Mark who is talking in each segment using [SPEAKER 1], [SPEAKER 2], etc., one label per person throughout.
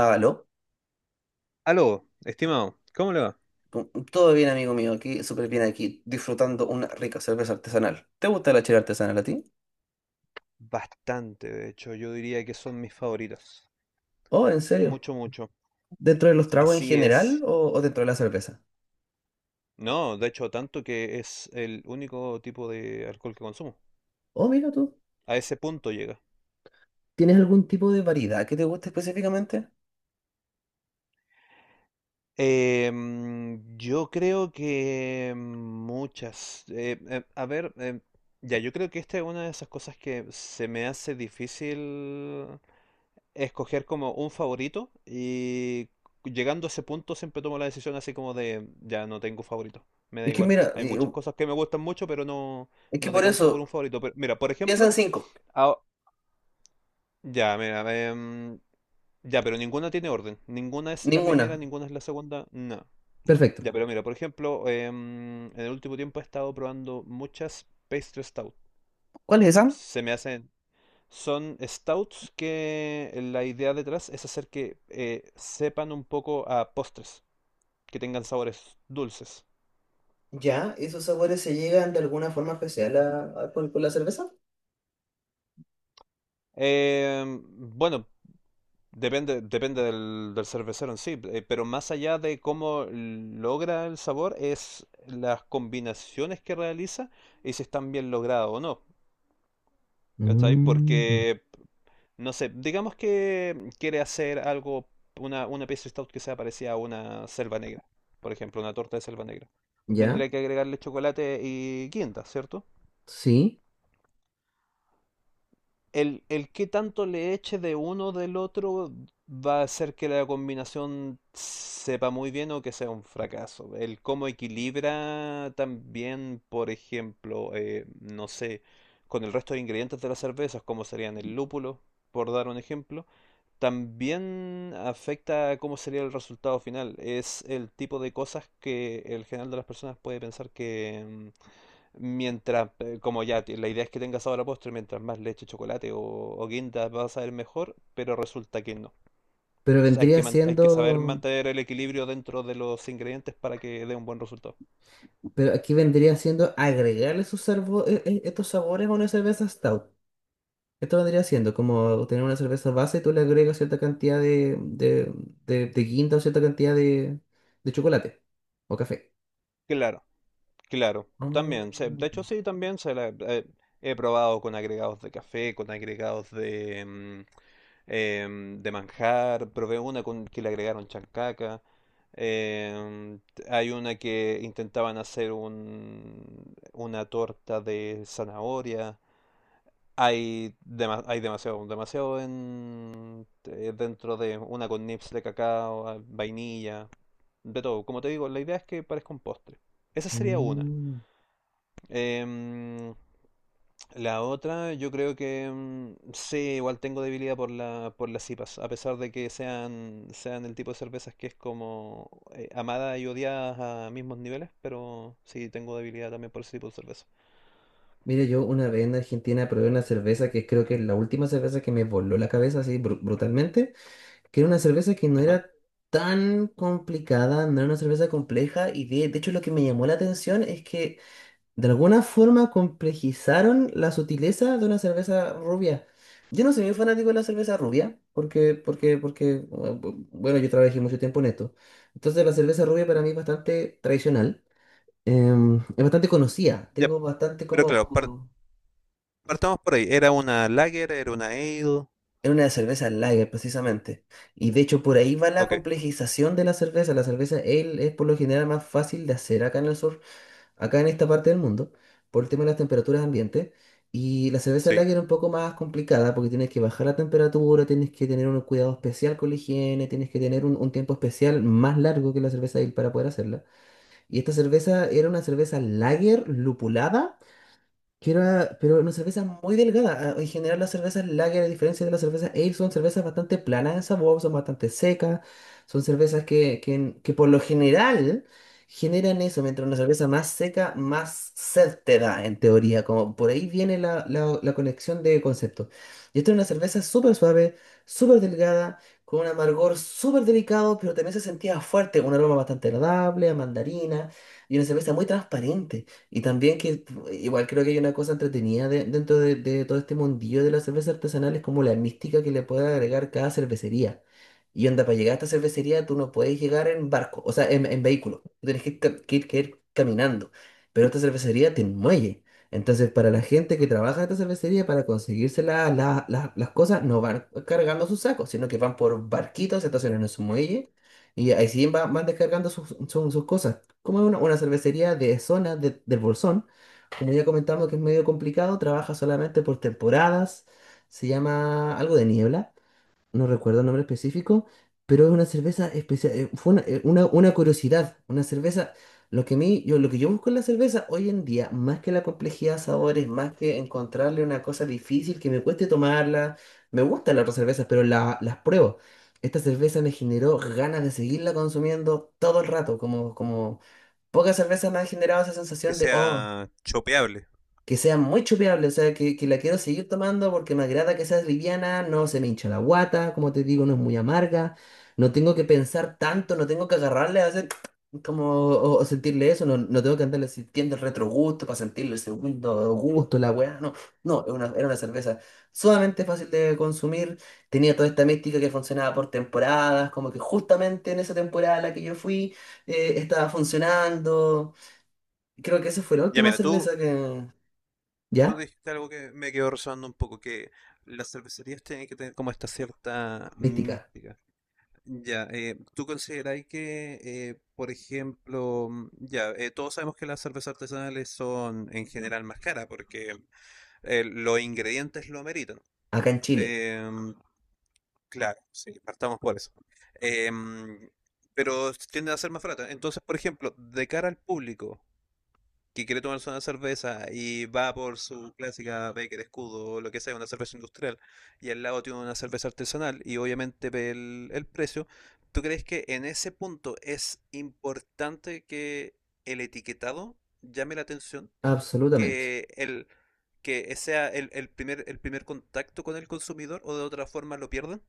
[SPEAKER 1] Aló,
[SPEAKER 2] Aló, estimado, ¿cómo le va?
[SPEAKER 1] todo bien amigo mío, aquí súper bien aquí, disfrutando una rica cerveza artesanal. ¿Te gusta la chela artesanal a ti?
[SPEAKER 2] Bastante, de hecho, yo diría que son mis favoritos.
[SPEAKER 1] Oh, ¿en serio?
[SPEAKER 2] Mucho, mucho.
[SPEAKER 1] ¿Dentro de los tragos en
[SPEAKER 2] Así
[SPEAKER 1] general
[SPEAKER 2] es.
[SPEAKER 1] o dentro de la cerveza?
[SPEAKER 2] No, de hecho, tanto que es el único tipo de alcohol que consumo.
[SPEAKER 1] Oh, mira tú,
[SPEAKER 2] A ese punto llega.
[SPEAKER 1] ¿tienes algún tipo de variedad que te guste específicamente?
[SPEAKER 2] Yo creo que muchas. A ver, ya, yo creo que esta es una de esas cosas que se me hace difícil escoger como un favorito y llegando a ese punto siempre tomo la decisión así como de, ya no tengo favorito, me da
[SPEAKER 1] Es que
[SPEAKER 2] igual.
[SPEAKER 1] mira,
[SPEAKER 2] Hay muchas cosas que me gustan mucho, pero no,
[SPEAKER 1] es que
[SPEAKER 2] no
[SPEAKER 1] por
[SPEAKER 2] decanto por un
[SPEAKER 1] eso,
[SPEAKER 2] favorito. Pero mira, por
[SPEAKER 1] piensa en
[SPEAKER 2] ejemplo,
[SPEAKER 1] cinco,
[SPEAKER 2] ah, ya, mira, em, ya, pero ninguna tiene orden. Ninguna es la
[SPEAKER 1] ninguna.
[SPEAKER 2] primera, ninguna es la segunda, no.
[SPEAKER 1] Perfecto.
[SPEAKER 2] Ya, pero mira, por ejemplo, en el último tiempo he estado probando muchas pastry stout.
[SPEAKER 1] ¿Cuál es esa?
[SPEAKER 2] Se me hacen... Son stouts que la idea detrás es hacer que sepan un poco a postres, que tengan sabores dulces.
[SPEAKER 1] Ya, ¿esos sabores se llegan de alguna forma especial con la cerveza?
[SPEAKER 2] Em, bueno, depende del cervecero en sí, pero más allá de cómo logra el sabor es las combinaciones que realiza y si están bien logradas o no. ¿Cachai?
[SPEAKER 1] Mm,
[SPEAKER 2] Porque no sé, digamos que quiere hacer algo, una pieza stout que sea parecida a una selva negra, por ejemplo, una torta de selva negra.
[SPEAKER 1] ya,
[SPEAKER 2] Tendría que agregarle chocolate y quinta, ¿cierto?
[SPEAKER 1] sí,
[SPEAKER 2] El qué tanto le eche de uno del otro va a hacer que la combinación sepa muy bien o que sea un fracaso. El cómo equilibra también, por ejemplo, no sé, con el resto de ingredientes de las cervezas, como serían el lúpulo, por dar un ejemplo, también afecta a cómo sería el resultado final. Es el tipo de cosas que el general de las personas puede pensar que, mm, mientras, como ya, la idea es que tenga sabor a postre, mientras más leche, chocolate o guinda va a saber mejor, pero resulta que no.
[SPEAKER 1] pero
[SPEAKER 2] O sea, hay que,
[SPEAKER 1] vendría
[SPEAKER 2] hay que saber
[SPEAKER 1] siendo,
[SPEAKER 2] mantener el equilibrio dentro de los ingredientes para que dé un buen resultado.
[SPEAKER 1] pero aquí vendría siendo agregarle sus sarbo- e- e- estos sabores a una cerveza stout. Esto vendría siendo como tener una cerveza base y tú le agregas cierta cantidad de guinda o cierta cantidad de chocolate o café.
[SPEAKER 2] Claro, claro, también. De
[SPEAKER 1] Mm,
[SPEAKER 2] hecho, sí, también se la, he probado con agregados de café, con agregados de, mm, de manjar, probé una con que le agregaron chancaca. Eh, Hay una que intentaban hacer una torta de zanahoria. Hay, hay demasiado, demasiado en, dentro de una con nips de cacao, ah, vainilla, de todo. Como te digo, la idea es que parezca un postre. Esa sería una.
[SPEAKER 1] mm.
[SPEAKER 2] Em, la otra, yo creo que mm, sí, igual tengo debilidad por la, por las IPAs, a pesar de que sean, sean el tipo de cervezas que es como amada y odiada a mismos niveles, pero sí tengo debilidad también por ese tipo de cerveza.
[SPEAKER 1] Mira, yo una vez en Argentina probé una cerveza que creo que es la última cerveza que me voló la cabeza así brutalmente, que era una cerveza que no
[SPEAKER 2] Ajá.
[SPEAKER 1] era tan complicada, no era una cerveza compleja y de hecho lo que me llamó la atención es que de alguna forma complejizaron la sutileza de una cerveza rubia. Yo no soy muy fanático de la cerveza rubia, porque, bueno, yo trabajé mucho tiempo en esto. Entonces la cerveza rubia para mí es bastante tradicional, es bastante conocida,
[SPEAKER 2] Ya,
[SPEAKER 1] tengo bastante
[SPEAKER 2] pero
[SPEAKER 1] como,
[SPEAKER 2] claro,
[SPEAKER 1] como...
[SPEAKER 2] partamos por ahí. ¿Era una lager? ¿Era una ale?
[SPEAKER 1] Es una cerveza lager precisamente. Y de hecho por ahí va la
[SPEAKER 2] Ok,
[SPEAKER 1] complejización de la cerveza. La cerveza ale es por lo general más fácil de hacer acá en el sur, acá en esta parte del mundo, por el tema de las temperaturas ambiente. Y la cerveza
[SPEAKER 2] sí.
[SPEAKER 1] lager es un poco más complicada porque tienes que bajar la temperatura, tienes que tener un cuidado especial con la higiene, tienes que tener un tiempo especial más largo que la cerveza ale para poder hacerla. Y esta cerveza era una cerveza lager lupulada pero una cerveza muy delgada. Ah, en general, las cervezas lager, a diferencia de las cervezas ale, son cervezas bastante planas en sabor, son bastante secas, son cervezas que por lo general generan eso, mientras una cerveza más seca, más sed te da, en teoría. Como por ahí viene la conexión de conceptos. Y esta es una cerveza súper suave, súper delgada, con un amargor súper delicado, pero también se sentía fuerte, un aroma bastante agradable, a mandarina, y una cerveza muy transparente. Y también que igual creo que hay una cosa entretenida dentro de todo este mundillo de la cerveza artesanal, es como la mística que le puede agregar cada cervecería. Y onda, para llegar a esta cervecería tú no puedes llegar en barco, o sea, en vehículo. Tú tienes que ir caminando. Pero esta cervecería tiene un muelle. Entonces, para la gente que trabaja en esta cervecería, para conseguirse las cosas, no van cargando sus sacos, sino que van por barquitos, se estacionan en su muelle y ahí sí van descargando sus cosas. Como es una cervecería de zona del Bolsón, como ya comentamos que es medio complicado, trabaja solamente por temporadas, se llama algo de niebla, no recuerdo el nombre específico, pero es una cerveza especial, fue una, una curiosidad, una cerveza, lo que yo busco en la cerveza hoy en día, más que la complejidad de sabores, más que encontrarle una cosa difícil que me cueste tomarla, me gustan las otras cervezas, pero las pruebo. Esta cerveza me generó ganas de seguirla consumiendo todo el rato, como pocas cervezas me han generado esa
[SPEAKER 2] Que
[SPEAKER 1] sensación de, oh,
[SPEAKER 2] sea chopeable.
[SPEAKER 1] que sea muy chupeable, o sea, que la quiero seguir tomando porque me agrada que sea liviana, no se me hincha la guata, como te digo, no es muy amarga, no tengo que pensar tanto, no tengo que agarrarle a hacer como, o sentirle eso, no, no tengo que andarle sintiendo el retrogusto para sentirle el segundo gusto, la weá, no, no, era una cerveza sumamente fácil de consumir, tenía toda esta mística que funcionaba por temporadas, como que justamente en esa temporada a la que yo fui, estaba funcionando. Creo que esa fue la
[SPEAKER 2] Ya
[SPEAKER 1] última
[SPEAKER 2] mira, tú,
[SPEAKER 1] cerveza que...
[SPEAKER 2] tú
[SPEAKER 1] ¿Ya?
[SPEAKER 2] dijiste algo que me quedó resonando un poco, que las cervecerías tienen que tener como esta cierta
[SPEAKER 1] Mística.
[SPEAKER 2] mística. Ya, ¿tú consideráis que, por ejemplo, mm, ya, todos sabemos que las cervezas artesanales son en general más caras porque los ingredientes lo ameritan?
[SPEAKER 1] Acá en Chile.
[SPEAKER 2] Em, claro, sí, partamos por eso. Em, pero tienden a ser más baratas. Entonces, por ejemplo, de cara al público, que quiere tomarse una cerveza y va por su clásica Becker Escudo o lo que sea, una cerveza industrial, y al lado tiene una cerveza artesanal y obviamente ve el precio, ¿tú crees que en ese punto es importante que el etiquetado llame la atención?
[SPEAKER 1] Absolutamente.
[SPEAKER 2] Que el que sea el primer el primer contacto con el consumidor o de otra forma lo pierden?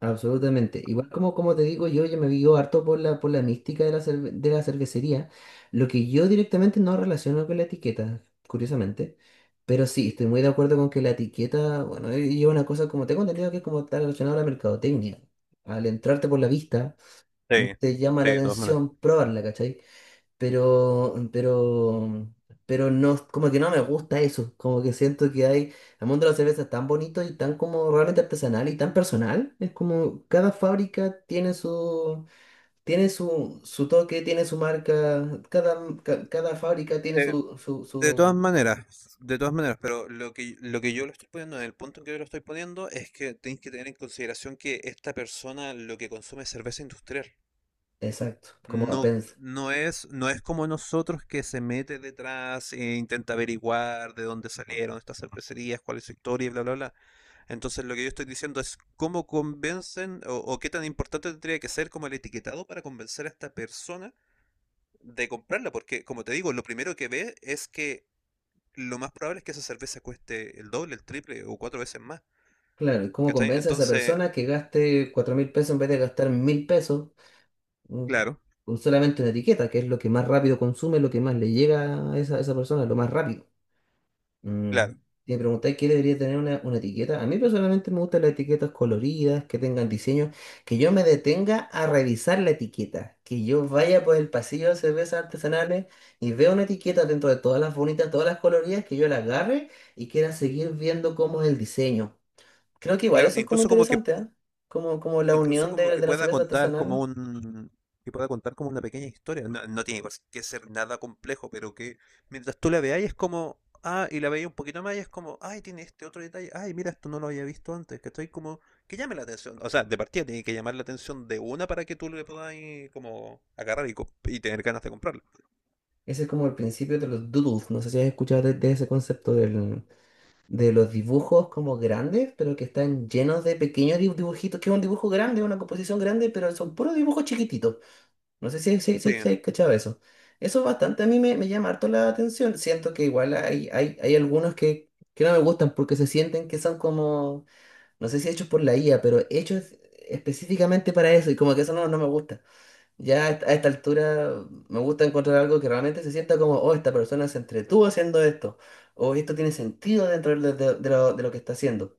[SPEAKER 1] Absolutamente. Igual como te digo, yo me guío harto por la, mística de la cervecería. Lo que yo directamente no relaciono con la etiqueta, curiosamente. Pero sí, estoy muy de acuerdo con que la etiqueta, bueno, lleva una cosa como tengo entendido que es como está relacionado a la mercadotecnia. Al entrarte por la vista,
[SPEAKER 2] Sí,
[SPEAKER 1] te llama
[SPEAKER 2] sí,
[SPEAKER 1] la
[SPEAKER 2] de todas maneras.
[SPEAKER 1] atención probarla, ¿cachai? pero, pero, pero, no, como que no me gusta eso, como que siento que hay, el mundo de la cerveza es tan bonito y tan como realmente artesanal y tan personal, es como cada fábrica tiene su toque, tiene su marca, cada fábrica tiene
[SPEAKER 2] Eh,
[SPEAKER 1] su, su,
[SPEAKER 2] De todas
[SPEAKER 1] su,
[SPEAKER 2] maneras, de todas maneras, pero lo que yo lo estoy poniendo, en el punto en que yo lo estoy poniendo, es que tenéis que tener en consideración que esta persona lo que consume es cerveza industrial.
[SPEAKER 1] Exacto, como la
[SPEAKER 2] No,
[SPEAKER 1] pensa.
[SPEAKER 2] no es como nosotros que se mete detrás e intenta averiguar de dónde salieron estas cervecerías, cuál es su historia y bla, bla, bla. Entonces lo que yo estoy diciendo es cómo convencen o qué tan importante tendría que ser como el etiquetado para convencer a esta persona de comprarla, porque como te digo, lo primero que ve es que lo más probable es que esa cerveza cueste el doble, el triple o cuatro veces más.
[SPEAKER 1] Claro, y ¿cómo
[SPEAKER 2] ¿Cachai?
[SPEAKER 1] convence a esa
[SPEAKER 2] Entonces,
[SPEAKER 1] persona que gaste $4.000 en vez de gastar $1.000? Mm,
[SPEAKER 2] claro,
[SPEAKER 1] con solamente una etiqueta, que es lo que más rápido consume, lo que más le llega a esa persona, lo más rápido. Mm,
[SPEAKER 2] claro,
[SPEAKER 1] Si me preguntáis qué debería tener una etiqueta, a mí personalmente me gustan las etiquetas coloridas, que tengan diseño, que yo me detenga a revisar la etiqueta, que yo vaya por el pasillo de cervezas artesanales y vea una etiqueta dentro de todas las bonitas, todas las coloridas, que yo la agarre y quiera seguir viendo cómo es el diseño. Creo que igual
[SPEAKER 2] claro.
[SPEAKER 1] eso es como interesante, ¿ah? Como la
[SPEAKER 2] Incluso
[SPEAKER 1] unión
[SPEAKER 2] como
[SPEAKER 1] de,
[SPEAKER 2] que
[SPEAKER 1] de la
[SPEAKER 2] pueda
[SPEAKER 1] cerveza
[SPEAKER 2] contar como
[SPEAKER 1] artesanal.
[SPEAKER 2] un, que pueda contar como una pequeña historia. No, no tiene por que ser nada complejo, pero que mientras tú la veas es como, ah, y la veía un poquito más y es como, ay, tiene este otro detalle, ay, mira, esto no lo había visto antes, que estoy como, que llame la atención. O sea, de partida tiene que llamar la atención de una para que tú le puedas ahí como agarrar y, y tener ganas de comprarla.
[SPEAKER 1] Ese es como el principio de los doodles. No sé si has escuchado de ese concepto de los dibujos como grandes, pero que están llenos de pequeños dibujitos, que es un dibujo grande, una composición grande, pero son puros dibujos chiquititos. No sé si, si,
[SPEAKER 2] Sí,
[SPEAKER 1] si, si has cachado eso. Eso bastante a mí me llama harto la atención. Siento que igual hay algunos que no me gustan porque se sienten que son como, no sé si hechos por la IA, pero hechos específicamente para eso y como que eso no, no me gusta. Ya a esta altura me gusta encontrar algo que realmente se sienta como, oh, esta persona se entretuvo haciendo esto, o esto tiene sentido dentro de lo que está haciendo.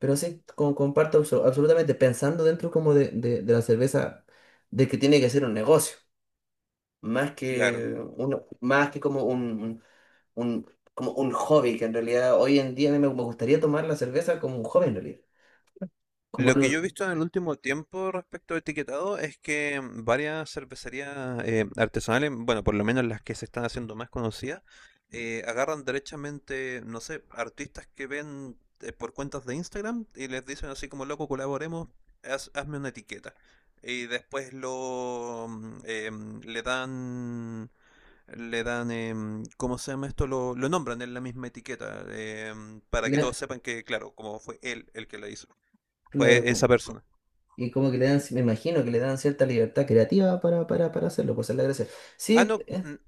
[SPEAKER 1] Pero sí, como comparto absolutamente, pensando dentro como de la cerveza, de que tiene que ser un negocio,
[SPEAKER 2] claro.
[SPEAKER 1] más que como un, un- como un hobby, que en realidad hoy en día a mí me gustaría tomar la cerveza como un hobby en realidad. Como
[SPEAKER 2] Lo que yo
[SPEAKER 1] algo,
[SPEAKER 2] he visto en el último tiempo respecto al etiquetado es que varias cervecerías artesanales, bueno, por lo menos las que se están haciendo más conocidas, agarran derechamente, no sé, artistas que ven por cuentas de Instagram y les dicen así como, loco, colaboremos, hazme una etiqueta. Y después lo mm, le dan ¿cómo se llama esto? Lo nombran en la misma etiqueta, para que
[SPEAKER 1] le-
[SPEAKER 2] todos sepan que, claro, como fue él el que la hizo
[SPEAKER 1] claro,
[SPEAKER 2] fue esa
[SPEAKER 1] como-
[SPEAKER 2] persona.
[SPEAKER 1] Y como que le dan, me imagino que le dan cierta libertad creativa para hacerlo, pues esa es la gracia.
[SPEAKER 2] Ah,
[SPEAKER 1] Sí,
[SPEAKER 2] no,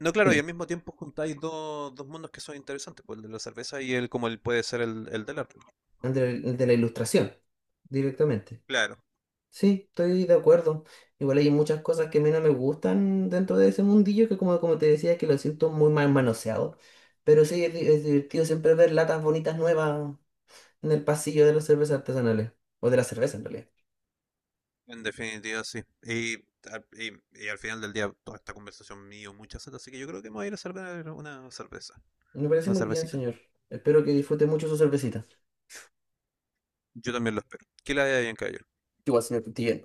[SPEAKER 2] no, claro, y
[SPEAKER 1] dime,
[SPEAKER 2] al mismo tiempo juntáis dos, dos mundos que son interesantes, pues el de la cerveza y el como el puede ser el del arte.
[SPEAKER 1] el de la ilustración, directamente.
[SPEAKER 2] Claro,
[SPEAKER 1] Sí, estoy de acuerdo. Igual hay muchas cosas que a mí no me gustan dentro de ese mundillo, que como te decía, que lo siento muy mal manoseado. Pero sí, es divertido siempre ver latas bonitas nuevas en el pasillo de las cervezas artesanales, o de la cerveza en realidad.
[SPEAKER 2] en definitiva sí. Y, y al final del día toda esta conversación mío, muchas seta, así que yo creo que me voy a ir a servir una cerveza,
[SPEAKER 1] Me parece
[SPEAKER 2] una
[SPEAKER 1] muy bien,
[SPEAKER 2] cervecita.
[SPEAKER 1] señor. Espero que disfrute mucho su cervecita.
[SPEAKER 2] Yo también lo espero. Que la haya bien, caballero.
[SPEAKER 1] Igual, señor Cutilla.